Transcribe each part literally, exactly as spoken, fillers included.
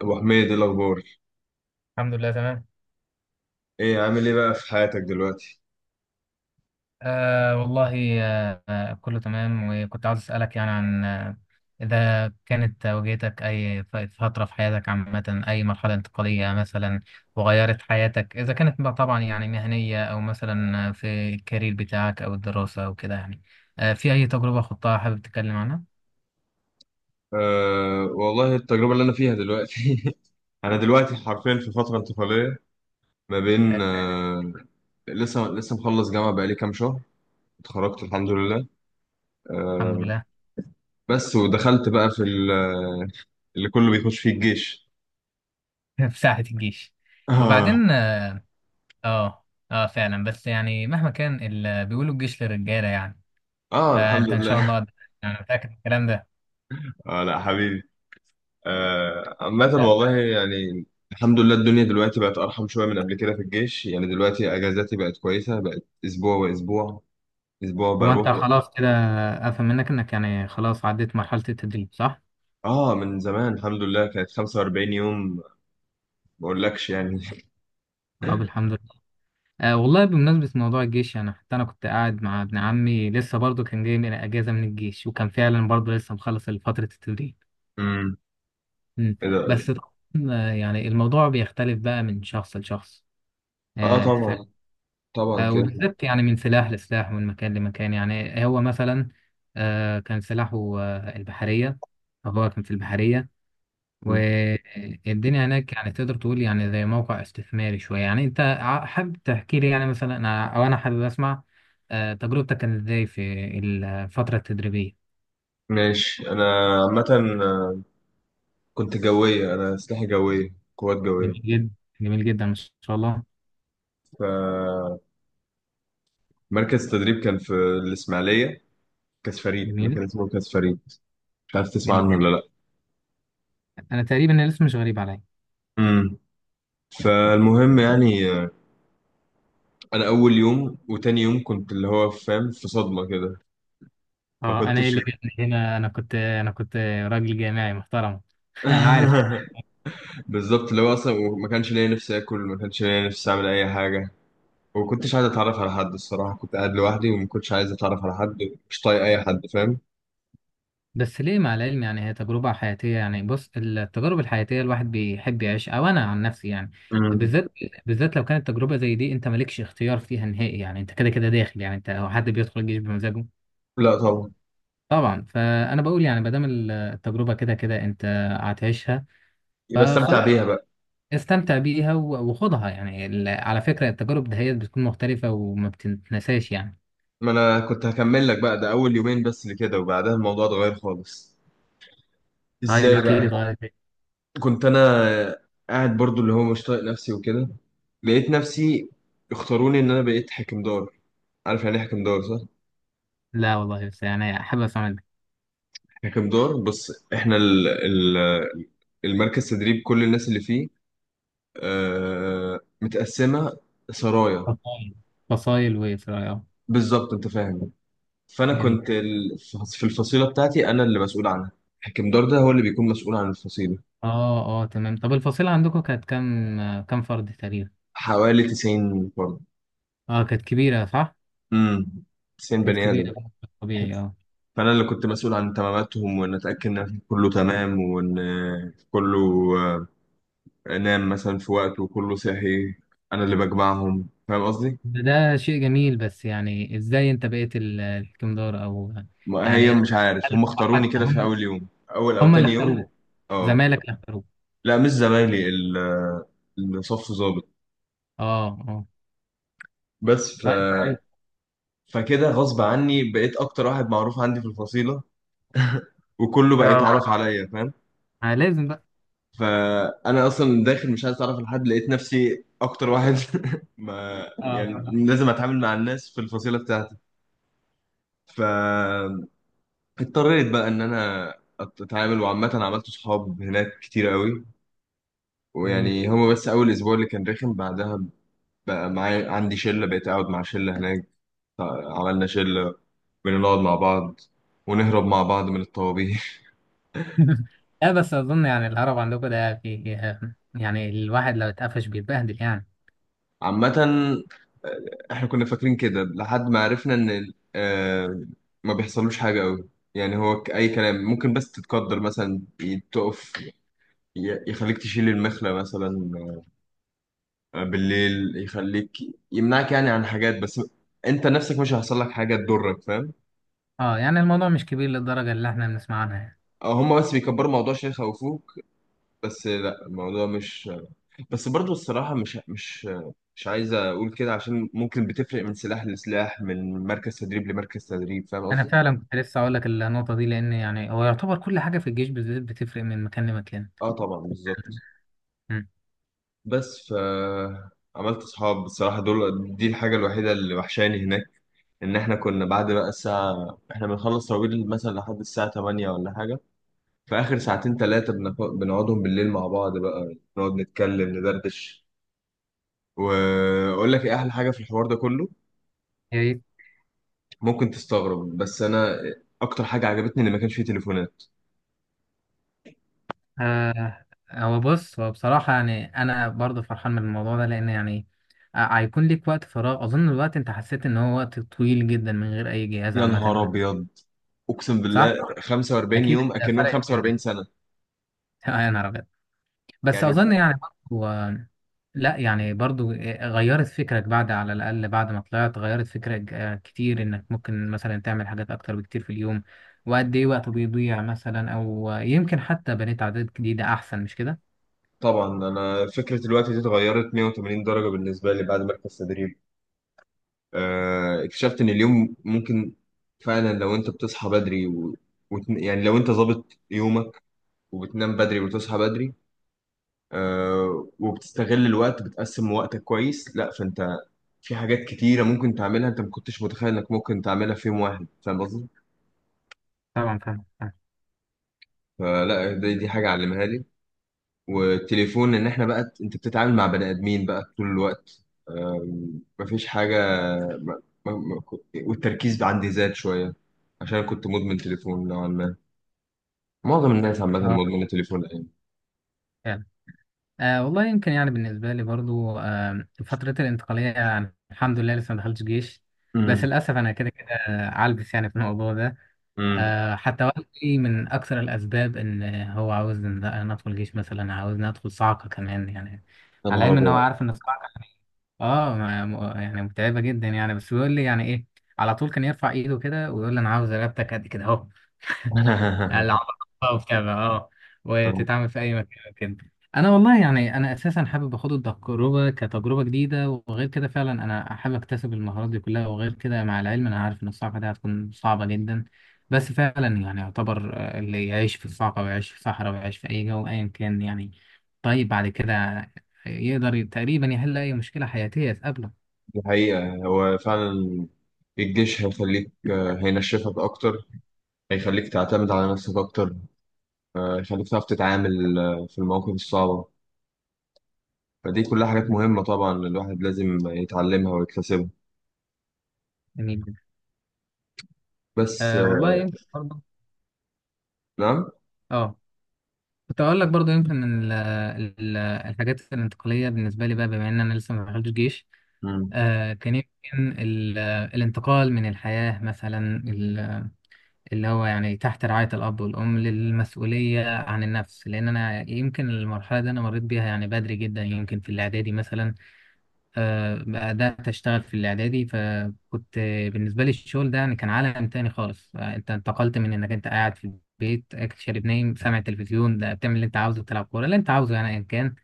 ابو حميد، إيه الاخبار؟ الحمد لله، تمام. ايه عامل ايه بقى في حياتك دلوقتي؟ آه والله، آه آه، كله تمام، وكنت عاوز أسألك يعني عن آه إذا كانت واجهتك أي ف- فترة في حياتك، عامة أي مرحلة انتقالية مثلا وغيرت حياتك، إذا كانت بقى طبعا يعني مهنية أو مثلا في الكارير بتاعك أو الدراسة أو كده يعني، آه في أي تجربة خضتها حابب تتكلم عنها؟ أه والله، التجربه اللي انا فيها دلوقتي. انا دلوقتي حرفيا في فتره انتقاليه، ما آه، بين أه لسه لسه مخلص جامعه بقالي كام شهر. اتخرجت الحمد لله الحمد أه لله. بس ودخلت بقى في ال- آه، اللي كله بيخش فيه الجيش. في ساعة الجيش. اه، وبعدين آه آه آه، فعلا، بس يعني مهما كان ال- بيقولوا الجيش للرجالة يعني. اه، الحمد فأنت إن شاء لله. الله يعني متأكد من الكلام ده. اه لا حبيبي. آه عامة والله يعني، الحمد لله الدنيا دلوقتي بقت أرحم شوية من قبل كده في الجيش، يعني دلوقتي أجازاتي بقت كويسة، بقت أسبوع وأسبوع، اسبوع هو انت بروح. خلاص كده، افهم منك انك يعني خلاص عديت مرحلة التدريب، صح؟ اه، من زمان الحمد لله، كانت 45 يوم ما اقولكش يعني. طب الحمد لله. آه والله، بمناسبة موضوع الجيش، يعني حتى انا كنت قاعد مع ابن عمي لسه برضه كان جاي من اجازة من الجيش، وكان فعلا برضه لسه مخلص فترة التدريب. امم. مم. ايه ده. بس طبعاً، آه، يعني الموضوع بيختلف بقى من شخص لشخص. اه آه انت فاهم. طبعا، طبعا آه كده. وبالذات يعني من سلاح لسلاح ومن مكان لمكان، يعني هو مثلا آه كان سلاحه آه البحرية. فهو كان في البحرية. مم. والدنيا هناك يعني تقدر تقول يعني زي موقع استثماري شوية، يعني أنت ع- حابب تحكي لي يعني مثلا، أنا أو أنا حابب أسمع آه، تجربتك كانت إزاي في الفترة التدريبية. ماشي. انا عامه آه، كنت جويه، انا اسلحه جويه، قوات جويه. جميل جدا، جميل جدا ما شاء الله. فمركز تدريب كان في الاسماعيليه، كاس فريد، جميل، مكان اسمه كاس فريد، مش عارف تسمع عنه جميل. ولا لا. أنا تقريبا الاسم مش غريب عليا. امم. فالمهم يعني، آه، انا اول يوم وتاني يوم كنت اللي هو فاهم في صدمه كده. ما أه، أنا إيه كنتش. اللي جابني هنا؟ أنا كنت أنا كنت راجل جامعي محترم. أنا عارف. بالظبط، اللي هو اصلا ما كانش ليا نفسي اكل، ما كانش ليا نفسي اعمل اي حاجه، وما كنتش عايز اتعرف على حد. الصراحه كنت قاعد لوحدي وما كنتش عايز اتعرف على حد، مش طايق اي حد فاهم. بس ليه؟ مع العلم يعني هي تجربة حياتية، يعني بص، التجارب الحياتية الواحد بيحب يعيش، أو أنا عن نفسي يعني، امم. بالذات بالذات لو كانت تجربة زي دي أنت مالكش اختيار فيها نهائي، يعني أنت كده كده داخل. يعني أنت، هو حد بيدخل الجيش بمزاجه؟ لا طبعا. طبعا. فأنا بقول يعني، ما دام ال- التجربة كده كده أنت هتعيشها، يبقى فخلاص استمتع بيها بقى. استمتع بيها و- وخدها. يعني ال- على فكرة التجارب ده هي بتكون مختلفة وما بتتنساش يعني. ما انا كنت هكمل لك بقى، ده اول يومين بس اللي كده، وبعدها الموضوع اتغير خالص. طيب ازاي احكي لي، بقى؟ طيب. كنت انا قاعد برضو اللي هو مش طايق نفسي وكده، لقيت نفسي اختاروني ان انا بقيت حكمدار. عارف يعني ايه حكمدار صح؟ لا والله، بس يعني حابب أسمع منك. ككم دور، بص احنا ال ال المركز تدريب، كل الناس اللي فيه آه، متقسمة سرايا. فصايل، فصايل وإيه؟ بالظبط انت فاهم. فانا جميل. كنت ال- في الفصيلة بتاعتي، انا اللي مسؤول عنها. حكم دار ده هو اللي بيكون مسؤول عن الفصيلة. اه اه، تمام. طب الفصيلة عندكم كانت كام، آه، كام فرد تقريبا؟ حوالي 90 فرد. اه كانت كبيرة، صح؟ امم. تسعين كانت بني ادم. كبيرة بشكل طبيعي، اه. فانا اللي كنت مسؤول عن تماماتهم، وان اتاكد ان كله تمام، وان كله آه، نام مثلا في وقته وكله صحي. انا اللي بجمعهم، فاهم قصدي. ده ده شيء جميل، بس يعني ازاي انت بقيت ال- الكمدار او ما هي يعني؟ مش عارف، هم هل هو اختاروني حتى كده في هم اول يوم، اول او هم اللي تاني أول يوم. اختاروه؟ اه. زمالك اللي اختاروه. لا مش زمايلي، ال- الصف ظابط. اه اه، بس ف... طيب كويس. فكده غصب عني بقيت اكتر واحد معروف عندي في الفصيله، وكله بقى اه يتعرف عليا فاهم. آه، لازم بقى. فانا اصلا داخل مش عايز اتعرف لحد، لقيت نفسي اكتر واحد. ما اه، يعني صراحة. لازم اتعامل مع الناس في الفصيله بتاعتي، فاضطريت بقى ان انا اتعامل، وعامه عملت صحاب هناك كتير قوي. جميل. ويعني هو بس أول أسبوع اللي كان رخم، بعدها بقى معايا عندي شلة، بقيت أقعد مع شلة هناك، عملنا شلة، بنقعد مع بعض ونهرب مع بعض من الطوابير. لا، بس اظن يعني الهرب عندكم ده في، يعني الواحد لو اتقفش بيتبهدل يعني. عامة، آه، احنا كنا فاكرين كده لحد ما عرفنا ان ال- آه، ما بيحصلوش حاجة قوي، يعني هو ك- اي كلام، ممكن بس تتقدر مثلا ي- تقف، ي- يخليك تشيل المخلة مثلا، آه، بالليل يخليك، يمنعك يعني عن حاجات، بس انت نفسك مش هيحصل لك حاجة تضرك فاهم. اه، يعني الموضوع مش كبير للدرجة اللي احنا بنسمع عنها يعني. أو هما بس بيكبروا الموضوع عشان يخوفوك، بس لا الموضوع مش. بس برضو الصراحة مش مش مش عايز أقول كده، عشان ممكن بتفرق من سلاح لسلاح، من مركز تدريب لمركز تدريب، فاهم انا قصدي؟ فعلا كنت لسه اقول لك النقطه دي، لان يعني هو يعتبر كل حاجه في الجيش بالذات بتفرق من مكان لمكان. اه طبعا بالظبط. أمم. بس ف عملت صحاب بصراحة، دول دي الحاجة الوحيدة اللي وحشاني هناك، إن إحنا كنا بعد بقى الساعة، إحنا بنخلص تراويح مثلا لحد الساعة ثمانية ولا حاجة، في آخر ساعتين تلاتة بنق- بنقعدهم بالليل مع بعض بقى، نقعد نتكلم ندردش. واقول لك ايه احلى حاجه في الحوار ده كله. يعني ممكن تستغرب، بس انا اكتر حاجه عجبتني ان ما كانش فيه تليفونات. آه هو بص، هو بصراحه يعني انا برضه فرحان من الموضوع ده، لان يعني آه، هيكون ليك وقت فراغ. اظن الوقت انت حسيت ان هو وقت طويل جدا من غير اي جهاز، يا عامه نهار ده. ابيض، اقسم بالله، صح. خمسة وأربعين يوم اكيد يوم اكنهم فرقت جدا. خمسة وأربعين سنة سنه يا نهار أبيض. بس يعني. اظن يعني برضو آه، لا يعني برضو آه، غيرت فكرك بعد، على الاقل بعد ما طلعت غيرت فكرك آه، كتير انك ممكن مثلا تعمل حاجات اكتر بكتير في اليوم، وقد ايه وقت بيضيع مثلا، او آه، يمكن حتى بنيت عادات جديدة احسن، مش كده؟ طبعا انا فكره الوقت دي اتغيرت مائة وثمانين درجة درجه بالنسبه لي بعد مركز تدريب. آه، اكتشفت ان اليوم ممكن فعلا، لو انت بتصحى بدري و... وت... يعني لو انت ظابط يومك، وبتنام بدري وتصحى بدري، آه، وبتستغل الوقت، بتقسم وقتك كويس، لا فانت في حاجات كتيرة ممكن تعملها، انت ما كنتش متخيل انك ممكن تعملها في يوم واحد فاهم قصدي؟ طبعا فاهم، فاهم. فلا، دي, دي حاجة علمها لي، والتليفون. ان احنا بقى انت بتتعامل مع بني ادمين بقى طول الوقت، آم، مفيش حاجة. ما ما ما كنت- والتركيز عندي زاد شوية، عشان كنت مدمن تليفون نوعا ما. معظم الناس عامة اه، مدمنة تليفون الأيام. فعلا. آه والله يمكن يعني بالنسبة لي برضو آه فترة الانتقالية، يعني الحمد لله لسه ما دخلتش جيش، بس امم. للأسف أنا كده كده عالبس يعني في الموضوع ده. امم. آه، حتى والدي من أكثر الأسباب، إن هو عاوز إن، لا، أنا أدخل جيش مثلا، عاوزني أدخل صعقة كمان يعني. يا على نهار العلم إن هو أبيض. عارف إن الصعقة آه ما- م- يعني متعبة جدا يعني، بس بيقول لي يعني إيه، على طول كان يرفع إيده كده ويقول لي أنا عاوز رقبتك قد كده أهو. يعني العبارة وبتاع، اه وتتعمل في أي مكان كده. أنا والله يعني أنا أساسا حابب أخد التجربة كتجربة جديدة، وغير كده فعلا أنا حابب أكتسب المهارات دي كلها، وغير كده مع العلم أنا عارف إن الصعقة دي هتكون صعبة جدا، بس فعلا يعني يعتبر آه، اللي يعيش في الصعقة ويعيش في صحراء ويعيش في أي جو أيا كان يعني، طيب بعد كده يقدر ي- تقريبا يحل أي مشكلة حياتية تقابله. دي حقيقة، هو فعلا الجيش هيخليك، آه، هينشفك أكتر، هيخليك تعتمد على نفسك أكتر، آه، هيخليك تعرف تتعامل آه، في المواقف الصعبة. فدي كلها حاجات مم. مهمة، طبعا الواحد لازم يتعلمها ويكتسبها. جميل جدا. بس آه آه، والله يمكن برضه، نعم. اه كنت اقول لك برضو يمكن ال- ال- الحاجات الانتقاليه بالنسبه لي بقى، بما ان انا لسه ما دخلتش جيش، مم. آه كان يمكن ال- الانتقال من الحياه مثلا ال- اللي هو يعني تحت رعايه الاب والام للمسؤوليه عن النفس، لان انا يمكن المرحله دي انا مريت بيها يعني بدري جدا، يمكن في الاعدادي مثلا. آه، بدأت أشتغل في الإعدادي. فكنت آه، بالنسبة لي الشغل ده يعني كان عالم تاني خالص، آه، أنت انتقلت من إنك أنت قاعد في البيت، أكل شارب نايم سامع التلفزيون، ده بتعمل اللي أنت عاوزه، بتلعب كورة اللي أنت عاوزه، يعني أيا كان،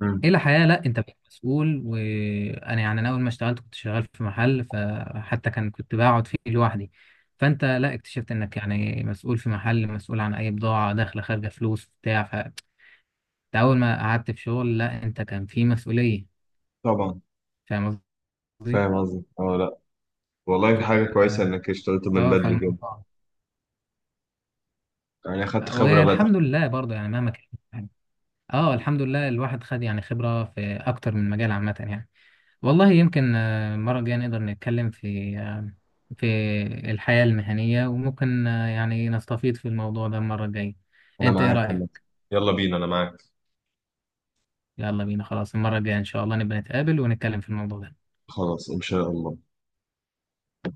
مم. إلى حياة لأ أنت بقيت مسؤول. وأنا يعني أنا أول ما اشتغلت كنت شغال في محل، فحتى كان كنت بقعد فيه لوحدي. فأنت لأ اكتشفت إنك يعني مسؤول في محل، مسؤول عن أي بضاعة داخلة خارجة فلوس بتاع، فأنت أول ما قعدت في شغل، لأ أنت كان في مسؤولية، طبعا فاهم قصدي؟ فاهم قصدك. اه لا والله، ف- حاجة كويسة إنك اشتغلت من اه بدري جدا، فالموضوع، يعني أخدت خبرة بدري. والحمد لله برضه يعني مهما كان، يعني اه الحمد لله الواحد خد يعني خبرة في أكتر من مجال عامة يعني. والله يمكن آه، المرة الجاية نقدر نتكلم في آه، في الحياة المهنية، وممكن آه، يعني نستفيض في الموضوع ده المرة الجاية. أنا أنت إيه معاك عامة. رأيك؟ يلا بينا، أنا معاك. يلا بينا خلاص، المرة الجاية إن شاء الله نبقى نتقابل ونتكلم في الموضوع ده. خلاص إن شاء الله.